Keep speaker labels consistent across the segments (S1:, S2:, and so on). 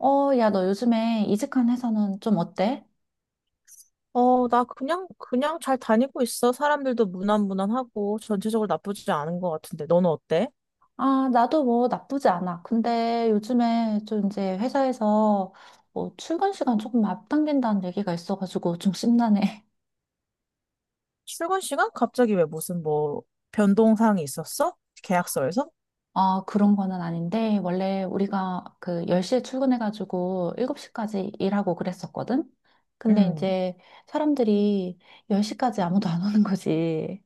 S1: 야, 너 요즘에 이직한 회사는 좀 어때?
S2: 어, 나 그냥 잘 다니고 있어. 사람들도 무난무난하고 전체적으로 나쁘지 않은 것 같은데. 너는 어때?
S1: 아, 나도 뭐 나쁘지 않아. 근데 요즘에 좀 이제 회사에서 뭐 출근 시간 조금 앞당긴다는 얘기가 있어가지고 좀 심란해.
S2: 출근 시간? 갑자기 왜 무슨 뭐 변동사항이 있었어? 계약서에서?
S1: 아, 그런 거는 아닌데, 원래 우리가 그 10시에 출근해가지고 7시까지 일하고 그랬었거든? 근데
S2: 음.
S1: 이제 사람들이 10시까지 아무도 안 오는 거지.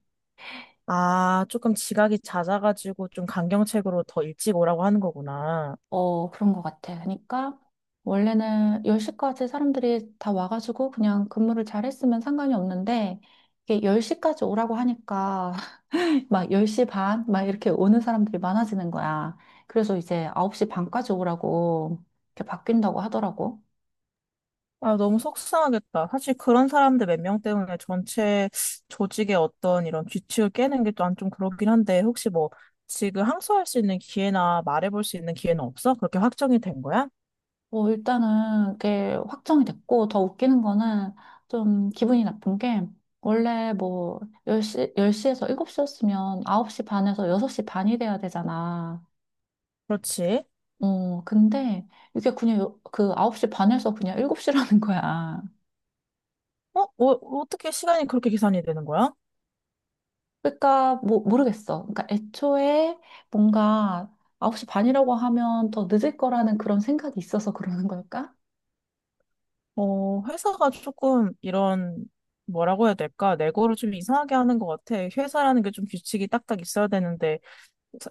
S2: 아, 조금 지각이 잦아가지고 좀 강경책으로 더 일찍 오라고 하는 거구나.
S1: 어, 그런 것 같아. 그러니까 원래는 10시까지 사람들이 다 와가지고 그냥 근무를 잘 했으면 상관이 없는데 이게 10시까지 오라고 하니까 막 10시 반? 막 이렇게 오는 사람들이 많아지는 거야. 그래서 이제 9시 반까지 오라고 이렇게 바뀐다고 하더라고.
S2: 아, 너무 속상하겠다. 사실 그런 사람들 몇 명 때문에 전체 조직의 어떤 이런 규칙을 깨는 게 난 좀 그렇긴 한데, 혹시 뭐 지금 항소할 수 있는 기회나 말해볼 수 있는 기회는 없어? 그렇게 확정이 된 거야?
S1: 뭐 일단은 그게 확정이 됐고 더 웃기는 거는 좀 기분이 나쁜 게 원래 뭐 열시 10시에서 7시였으면 9시 반에서 6시 반이 돼야 되잖아.
S2: 그렇지.
S1: 어, 근데 이게 그냥 그 9시 반에서 그냥 7시라는 거야.
S2: 어? 어, 어떻게 시간이 그렇게 계산이 되는 거야?
S1: 그러니까 뭐 모르겠어. 그러니까 애초에 뭔가 9시 반이라고 하면 더 늦을 거라는 그런 생각이 있어서 그러는 걸까?
S2: 어, 회사가 조금 이런, 뭐라고 해야 될까? 내고를 좀 이상하게 하는 것 같아. 회사라는 게 좀 규칙이 딱딱 있어야 되는데,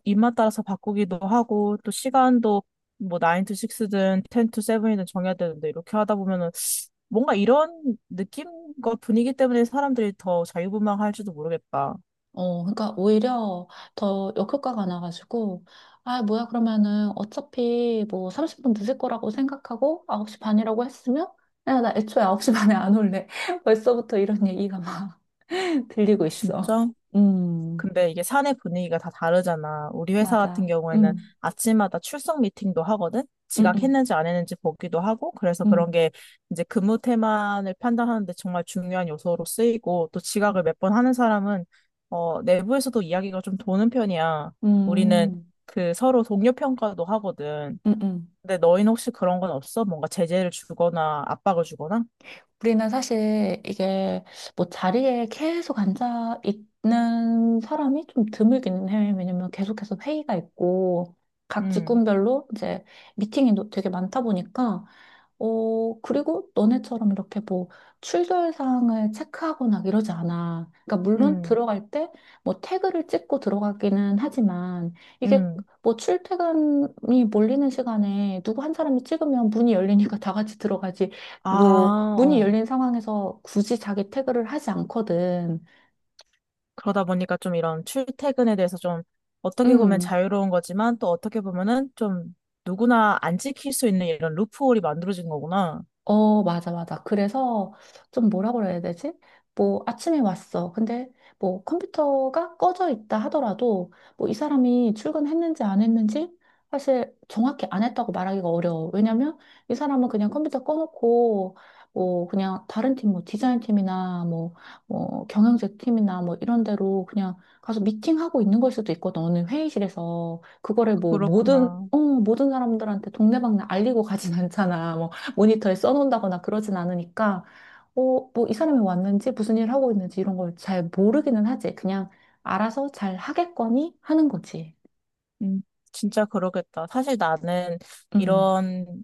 S2: 입맛 따라서 바꾸기도 하고, 또 시간도 뭐 9 to 6든 10 to 7이든 정해야 되는데, 이렇게 하다 보면은 뭔가 이런 느낌과 분위기 때문에 사람들이 더 자유분방할지도 모르겠다.
S1: 어, 그러니까 오히려 더 역효과가 나가지고 아, 뭐야 그러면은 어차피 뭐 30분 늦을 거라고 생각하고 9시 반이라고 했으면 야, 나 애초에 9시 반에 안 올래. 벌써부터 이런 얘기가 막 들리고 있어.
S2: 진짜?
S1: 음,
S2: 근데 이게 사내 분위기가 다 다르잖아. 우리 회사
S1: 맞아.
S2: 같은 경우에는
S1: 음.
S2: 아침마다 출석 미팅도 하거든?
S1: 음,
S2: 지각했는지 안 했는지 보기도 하고, 그래서 그런
S1: 음,
S2: 게 이제 근무 태만을 판단하는데 정말 중요한 요소로 쓰이고, 또
S1: 음,
S2: 지각을 몇 번 하는 사람은, 어, 내부에서도 이야기가 좀 도는 편이야. 우리는
S1: 음,
S2: 그 서로 동료 평가도 하거든.
S1: 음, 음.
S2: 근데 너희는 혹시 그런 건 없어? 뭔가 제재를 주거나 압박을 주거나?
S1: 우리는 사실 이게 뭐 자리에 계속 앉아 있는 사람이 좀 드물긴 해. 왜냐면 계속해서 회의가 있고 각
S2: 음,
S1: 직군별로 이제 미팅이 되게 많다 보니까 어, 그리고 너네처럼 이렇게 뭐 출결 사항을 체크하거나 이러지 않아. 그러니까 물론
S2: 음,
S1: 들어갈 때 뭐 태그를 찍고 들어가기는 하지만 이게
S2: 음.
S1: 뭐 출퇴근이 몰리는 시간에 누구 한 사람이 찍으면 문이 열리니까 다 같이 들어가지. 뭐
S2: 아,
S1: 문이
S2: 어.
S1: 열린 상황에서 굳이 자기 태그를 하지 않거든.
S2: 그러다 보니까 좀 이런 출퇴근에 대해서 좀 어떻게 보면
S1: 음.
S2: 자유로운 거지만 또 어떻게 보면은 좀 누구나 안 지킬 수 있는 이런 루프홀이 만들어진 거구나.
S1: 어, 맞아, 맞아. 그래서 좀 뭐라 그래야 되지? 뭐 아침에 왔어. 근데 뭐 컴퓨터가 꺼져 있다 하더라도 뭐 이 사람이 출근했는지 안 했는지 사실 정확히 안 했다고 말하기가 어려워. 왜냐면 이 사람은 그냥 컴퓨터 꺼놓고 뭐 그냥 다른 팀, 뭐 디자인 팀이나 뭐, 뭐 경영제 팀이나 뭐 이런 데로 그냥 가서 미팅하고 있는 걸 수도 있거든. 어느 회의실에서. 그거를 뭐 모든,
S2: 그렇구나.
S1: 어, 모든 사람들한테 동네방네 알리고 가진 않잖아. 뭐 모니터에 써놓는다거나 그러진 않으니까, 어, 뭐 이 사람이 왔는지 무슨 일을 하고 있는지 이런 걸 잘 모르기는 하지. 그냥 알아서 잘 하겠거니 하는 거지.
S2: 음, 진짜 그러겠다. 사실 나는
S1: 음.
S2: 이런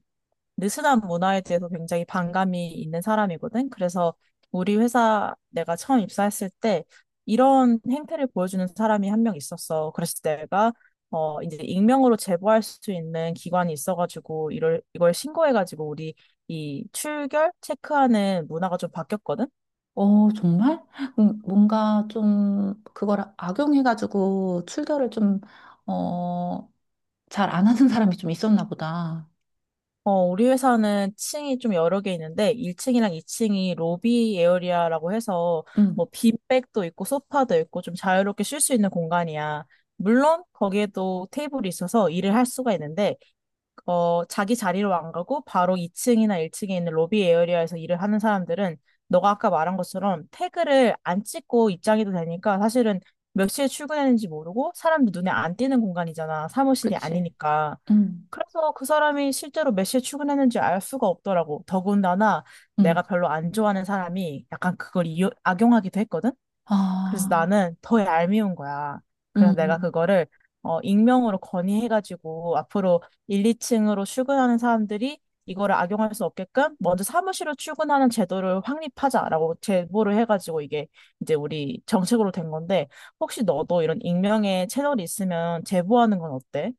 S2: 느슨한 문화에 대해서 굉장히 반감이 있는 사람이거든. 그래서 우리 회사 내가 처음 입사했을 때 이런 행태를 보여주는 사람이 한 명 있었어. 그래서 내가 어 이제 익명으로 제보할 수 있는 기관이 있어가지고 이걸 신고해가지고 우리 이 출결 체크하는 문화가 좀 바뀌었거든.
S1: 어, 정말? 뭔가 좀 그걸 악용해가지고 출결을 좀, 어, 잘 안 하는 사람이 좀 있었나 보다.
S2: 어, 우리 회사는 층이 좀 여러 개 있는데 1층이랑 2층이 로비 에어리아라고 해서 뭐
S1: 음,
S2: 빈백도 있고 소파도 있고 좀 자유롭게 쉴 수 있는 공간이야. 물론 거기에도 테이블이 있어서 일을 할 수가 있는데 어, 자기 자리로 안 가고 바로 2층이나 1층에 있는 로비 에어리아에서 일을 하는 사람들은 너가 아까 말한 것처럼 태그를 안 찍고 입장해도 되니까 사실은 몇 시에 출근했는지 모르고 사람들 눈에 안 띄는 공간이잖아. 사무실이
S1: 그치.
S2: 아니니까.
S1: 음,
S2: 그래서 그 사람이 실제로 몇 시에 출근했는지 알 수가 없더라고. 더군다나
S1: 음.
S2: 내가 별로 안 좋아하는 사람이 약간 그걸 이용, 악용하기도 했거든? 그래서
S1: 아,
S2: 나는 더 얄미운 거야. 그래서 내가
S1: 음.
S2: 그거를 어, 익명으로 건의해가지고 앞으로 1, 2층으로 출근하는 사람들이 이거를 악용할 수 없게끔 먼저 사무실로 출근하는 제도를 확립하자라고 제보를 해가지고 이게 이제 우리 정책으로 된 건데 혹시 너도 이런 익명의 채널이 있으면 제보하는 건 어때?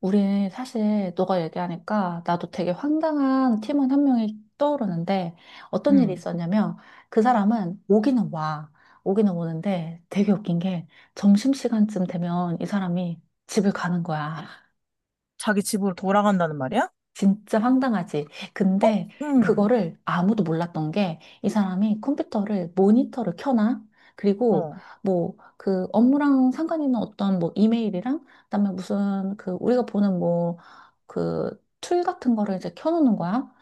S1: 우리 사실 너가 얘기하니까 나도 되게 황당한 팀원 한 명이 떠오르는데 어떤 일이
S2: 응.
S1: 있었냐면 그 사람은 오기는 와. 오기는 오는데 되게 웃긴 게 점심시간쯤 되면 이 사람이 집을 가는 거야.
S2: 자기 집으로 돌아간다는 말이야?
S1: 진짜 황당하지.
S2: 어,
S1: 근데
S2: 응,
S1: 그거를 아무도 몰랐던 게 이 사람이 컴퓨터를 모니터를 켜놔. 그리고
S2: 어,
S1: 뭐 그 업무랑 상관 있는 어떤 뭐 이메일이랑 그다음에 무슨 그 우리가 보는 뭐 그 툴 같은 거를 이제 켜놓는 거야.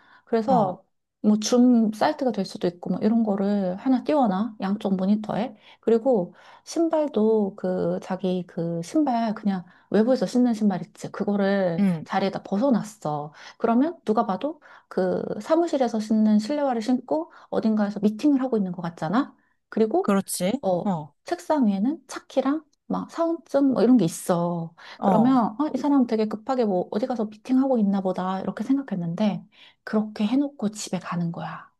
S2: 어,
S1: 그래서 뭐 줌 사이트가 될 수도 있고 뭐 이런 거를 하나 띄워놔. 양쪽 모니터에. 그리고 신발도 그 자기 그 신발 그냥 외부에서 신는 신발 있지. 그거를
S2: 응,
S1: 자리에다 벗어놨어. 그러면 누가 봐도 그 사무실에서 신는 실내화를 신고 어딘가에서 미팅을 하고 있는 것 같잖아. 그리고
S2: 그렇지,
S1: 어
S2: 어,
S1: 책상 위에는 차키랑 막 사원증 뭐 이런 게 있어.
S2: 어.
S1: 그러면 어, 이 사람 되게 급하게 뭐 어디 가서 미팅하고 있나 보다 이렇게 생각했는데 그렇게 해놓고 집에 가는 거야.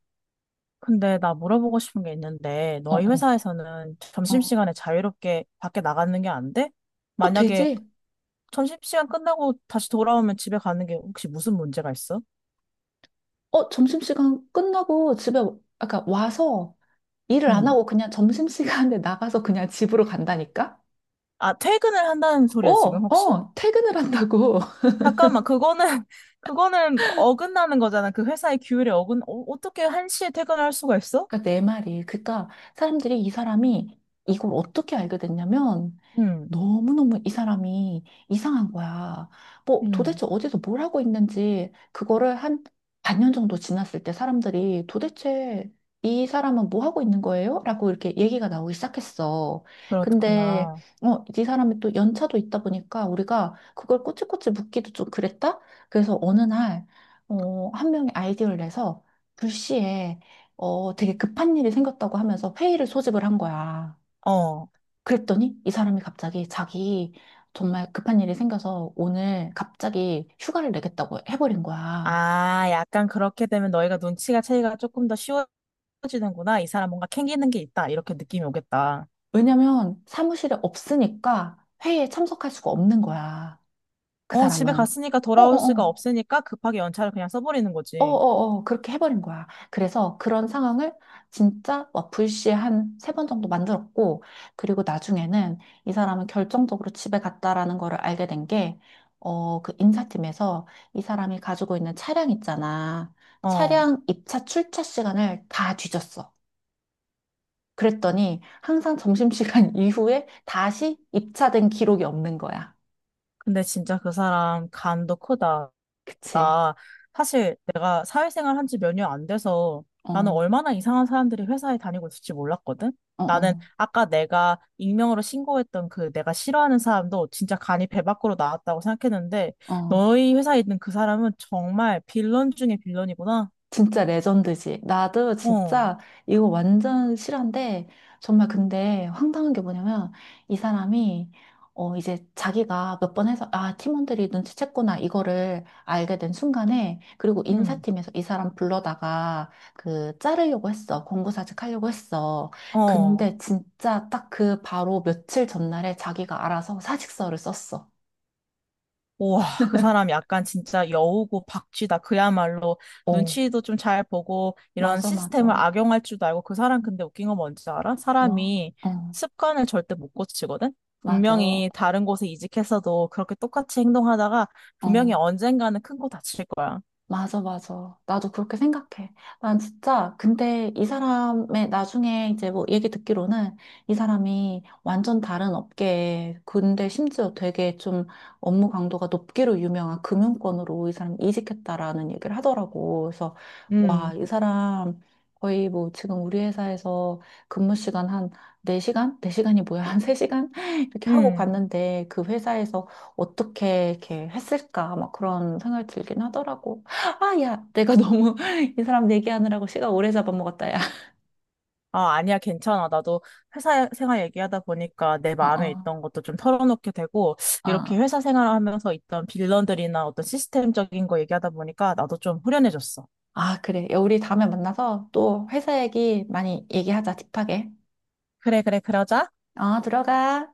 S2: 근데 나 물어보고 싶은 게 있는데,
S1: 어,
S2: 너희
S1: 어,
S2: 회사에서는
S1: 어.
S2: 점심시간에 자유롭게 밖에 나가는 게 안 돼?
S1: 어,
S2: 만약에
S1: 되지?
S2: 점심시간 끝나고 다시 돌아오면 집에 가는 게 혹시 무슨 문제가 있어?
S1: 어, 점심시간 끝나고 집에 아까 와서 일을 안
S2: 응.
S1: 하고 그냥 점심시간에 나가서 그냥 집으로 간다니까?
S2: 아, 퇴근을 한다는
S1: 어,
S2: 소리야, 지금 혹시?
S1: 어, 퇴근을 한다고.
S2: 잠깐만, 그거는, 그거는 어긋나는 거잖아. 그 회사의 규율에 어긋, 어, 어떻게 한시에 퇴근할 수가 있어?
S1: 그러니까 내 말이. 그러니까 사람들이 이 사람이 이걸 어떻게 알게 됐냐면
S2: 응,
S1: 너무너무 이 사람이 이상한 거야. 뭐
S2: 응,
S1: 도대체 어디서 뭘 하고 있는지 그거를 한 반년 정도 지났을 때 사람들이 도대체 이 사람은 뭐 하고 있는 거예요? 라고 이렇게 얘기가 나오기 시작했어. 근데
S2: 그렇구나.
S1: 어, 이 사람이 또 연차도 있다 보니까 우리가 그걸 꼬치꼬치 묻기도 좀 그랬다? 그래서 어느 날 한 명이 아이디어를 내서 불시에 되게 급한 일이 생겼다고 하면서 회의를 소집을 한 거야.
S2: 어.
S1: 그랬더니 이 사람이 갑자기 자기 정말 급한 일이 생겨서 오늘 갑자기 휴가를 내겠다고 해버린 거야.
S2: 아, 약간 그렇게 되면 너희가 눈치가 채기가 조금 더 쉬워지는구나. 이 사람 뭔가 캥기는 게 있다. 이렇게 느낌이 오겠다.
S1: 왜냐면 사무실에 없으니까 회의에 참석할 수가 없는 거야. 그
S2: 어, 집에
S1: 사람은.
S2: 갔으니까 돌아올
S1: 어어어.
S2: 수가 없으니까 급하게 연차를 그냥 써버리는 거지.
S1: 어어어 그렇게 해버린 거야. 그래서 그런 상황을 진짜 와플씨 한 세 번 정도 만들었고 그리고 나중에는 이 사람은 결정적으로 집에 갔다라는 거를 알게 된 게 그 인사팀에서 이 사람이 가지고 있는 차량 있잖아.
S2: 어.
S1: 차량 입차 출차 시간을 다 뒤졌어. 그랬더니 항상 점심시간 이후에 다시 입차된 기록이 없는 거야.
S2: 근데 진짜 그 사람 간도 크다.
S1: 그치?
S2: 나 사실 내가 사회생활 한 지 몇 년 안 돼서
S1: 어,
S2: 나는
S1: 어,
S2: 얼마나 이상한 사람들이 회사에 다니고 있을지 몰랐거든? 나는
S1: 어,
S2: 아까 내가 익명으로 신고했던 그 내가 싫어하는 사람도 진짜 간이 배 밖으로 나왔다고 생각했는데
S1: 어.
S2: 너희 회사에 있는 그 사람은 정말 빌런 중에 빌런이구나.
S1: 진짜 레전드지. 나도
S2: 어,
S1: 진짜 이거 완전 실화인데, 정말 근데 황당한 게 뭐냐면, 이 사람이, 이제 자기가 몇 번 해서, 아, 팀원들이 눈치챘구나, 이거를 알게 된 순간에, 그리고
S2: 응,
S1: 인사팀에서 이 사람 불러다가, 그, 자르려고 했어. 공고사직 하려고 했어.
S2: 어.
S1: 근데 진짜 딱 그 바로 며칠 전날에 자기가 알아서 사직서를 썼어.
S2: 우와, 그 사람 약간 진짜 여우고 박쥐다. 그야말로
S1: 어,
S2: 눈치도 좀 잘 보고 이런
S1: 맞아,
S2: 시스템을
S1: 맞아.
S2: 악용할 줄도 알고 그 사람 근데 웃긴 건 뭔지 알아?
S1: 뭐?
S2: 사람이
S1: 어,
S2: 습관을 절대 못 고치거든?
S1: 맞아.
S2: 분명히 다른 곳에 이직했어도 그렇게 똑같이 행동하다가 분명히
S1: 어.
S2: 언젠가는 큰 거 다칠 거야.
S1: 맞아, 맞아. 나도 그렇게 생각해. 난 진짜, 근데 이 사람의 나중에 이제 뭐 얘기 듣기로는 이 사람이 완전 다른 업계에, 근데 심지어 되게 좀 업무 강도가 높기로 유명한 금융권으로 이 사람이 이직했다라는 얘기를 하더라고. 그래서, 와,
S2: 음.
S1: 이 사람 거의 뭐 지금 우리 회사에서 근무 시간 한 4시간? 4시간이 뭐야? 한 3시간? 이렇게 하고
S2: 음.
S1: 갔는데 그 회사에서 어떻게 이렇게 했을까? 막 그런 생각이 들긴 하더라고. 아, 야, 내가 너무 이 사람 얘기하느라고 시간 오래 잡아먹었다, 야.
S2: 아, 아니야, 괜찮아. 나도 회사 생활 얘기하다 보니까 내
S1: 어,
S2: 마음에
S1: 어,
S2: 있던 것도 좀 털어놓게 되고, 이렇게
S1: 어.
S2: 회사 생활하면서 있던 빌런들이나 어떤 시스템적인 거 얘기하다 보니까 나도 좀 후련해졌어.
S1: 아, 그래. 야, 우리 다음에 만나서 또 회사 얘기 많이 얘기하자, 딥하게.
S2: 그래, 그래, 그러자.
S1: 어, 들어가.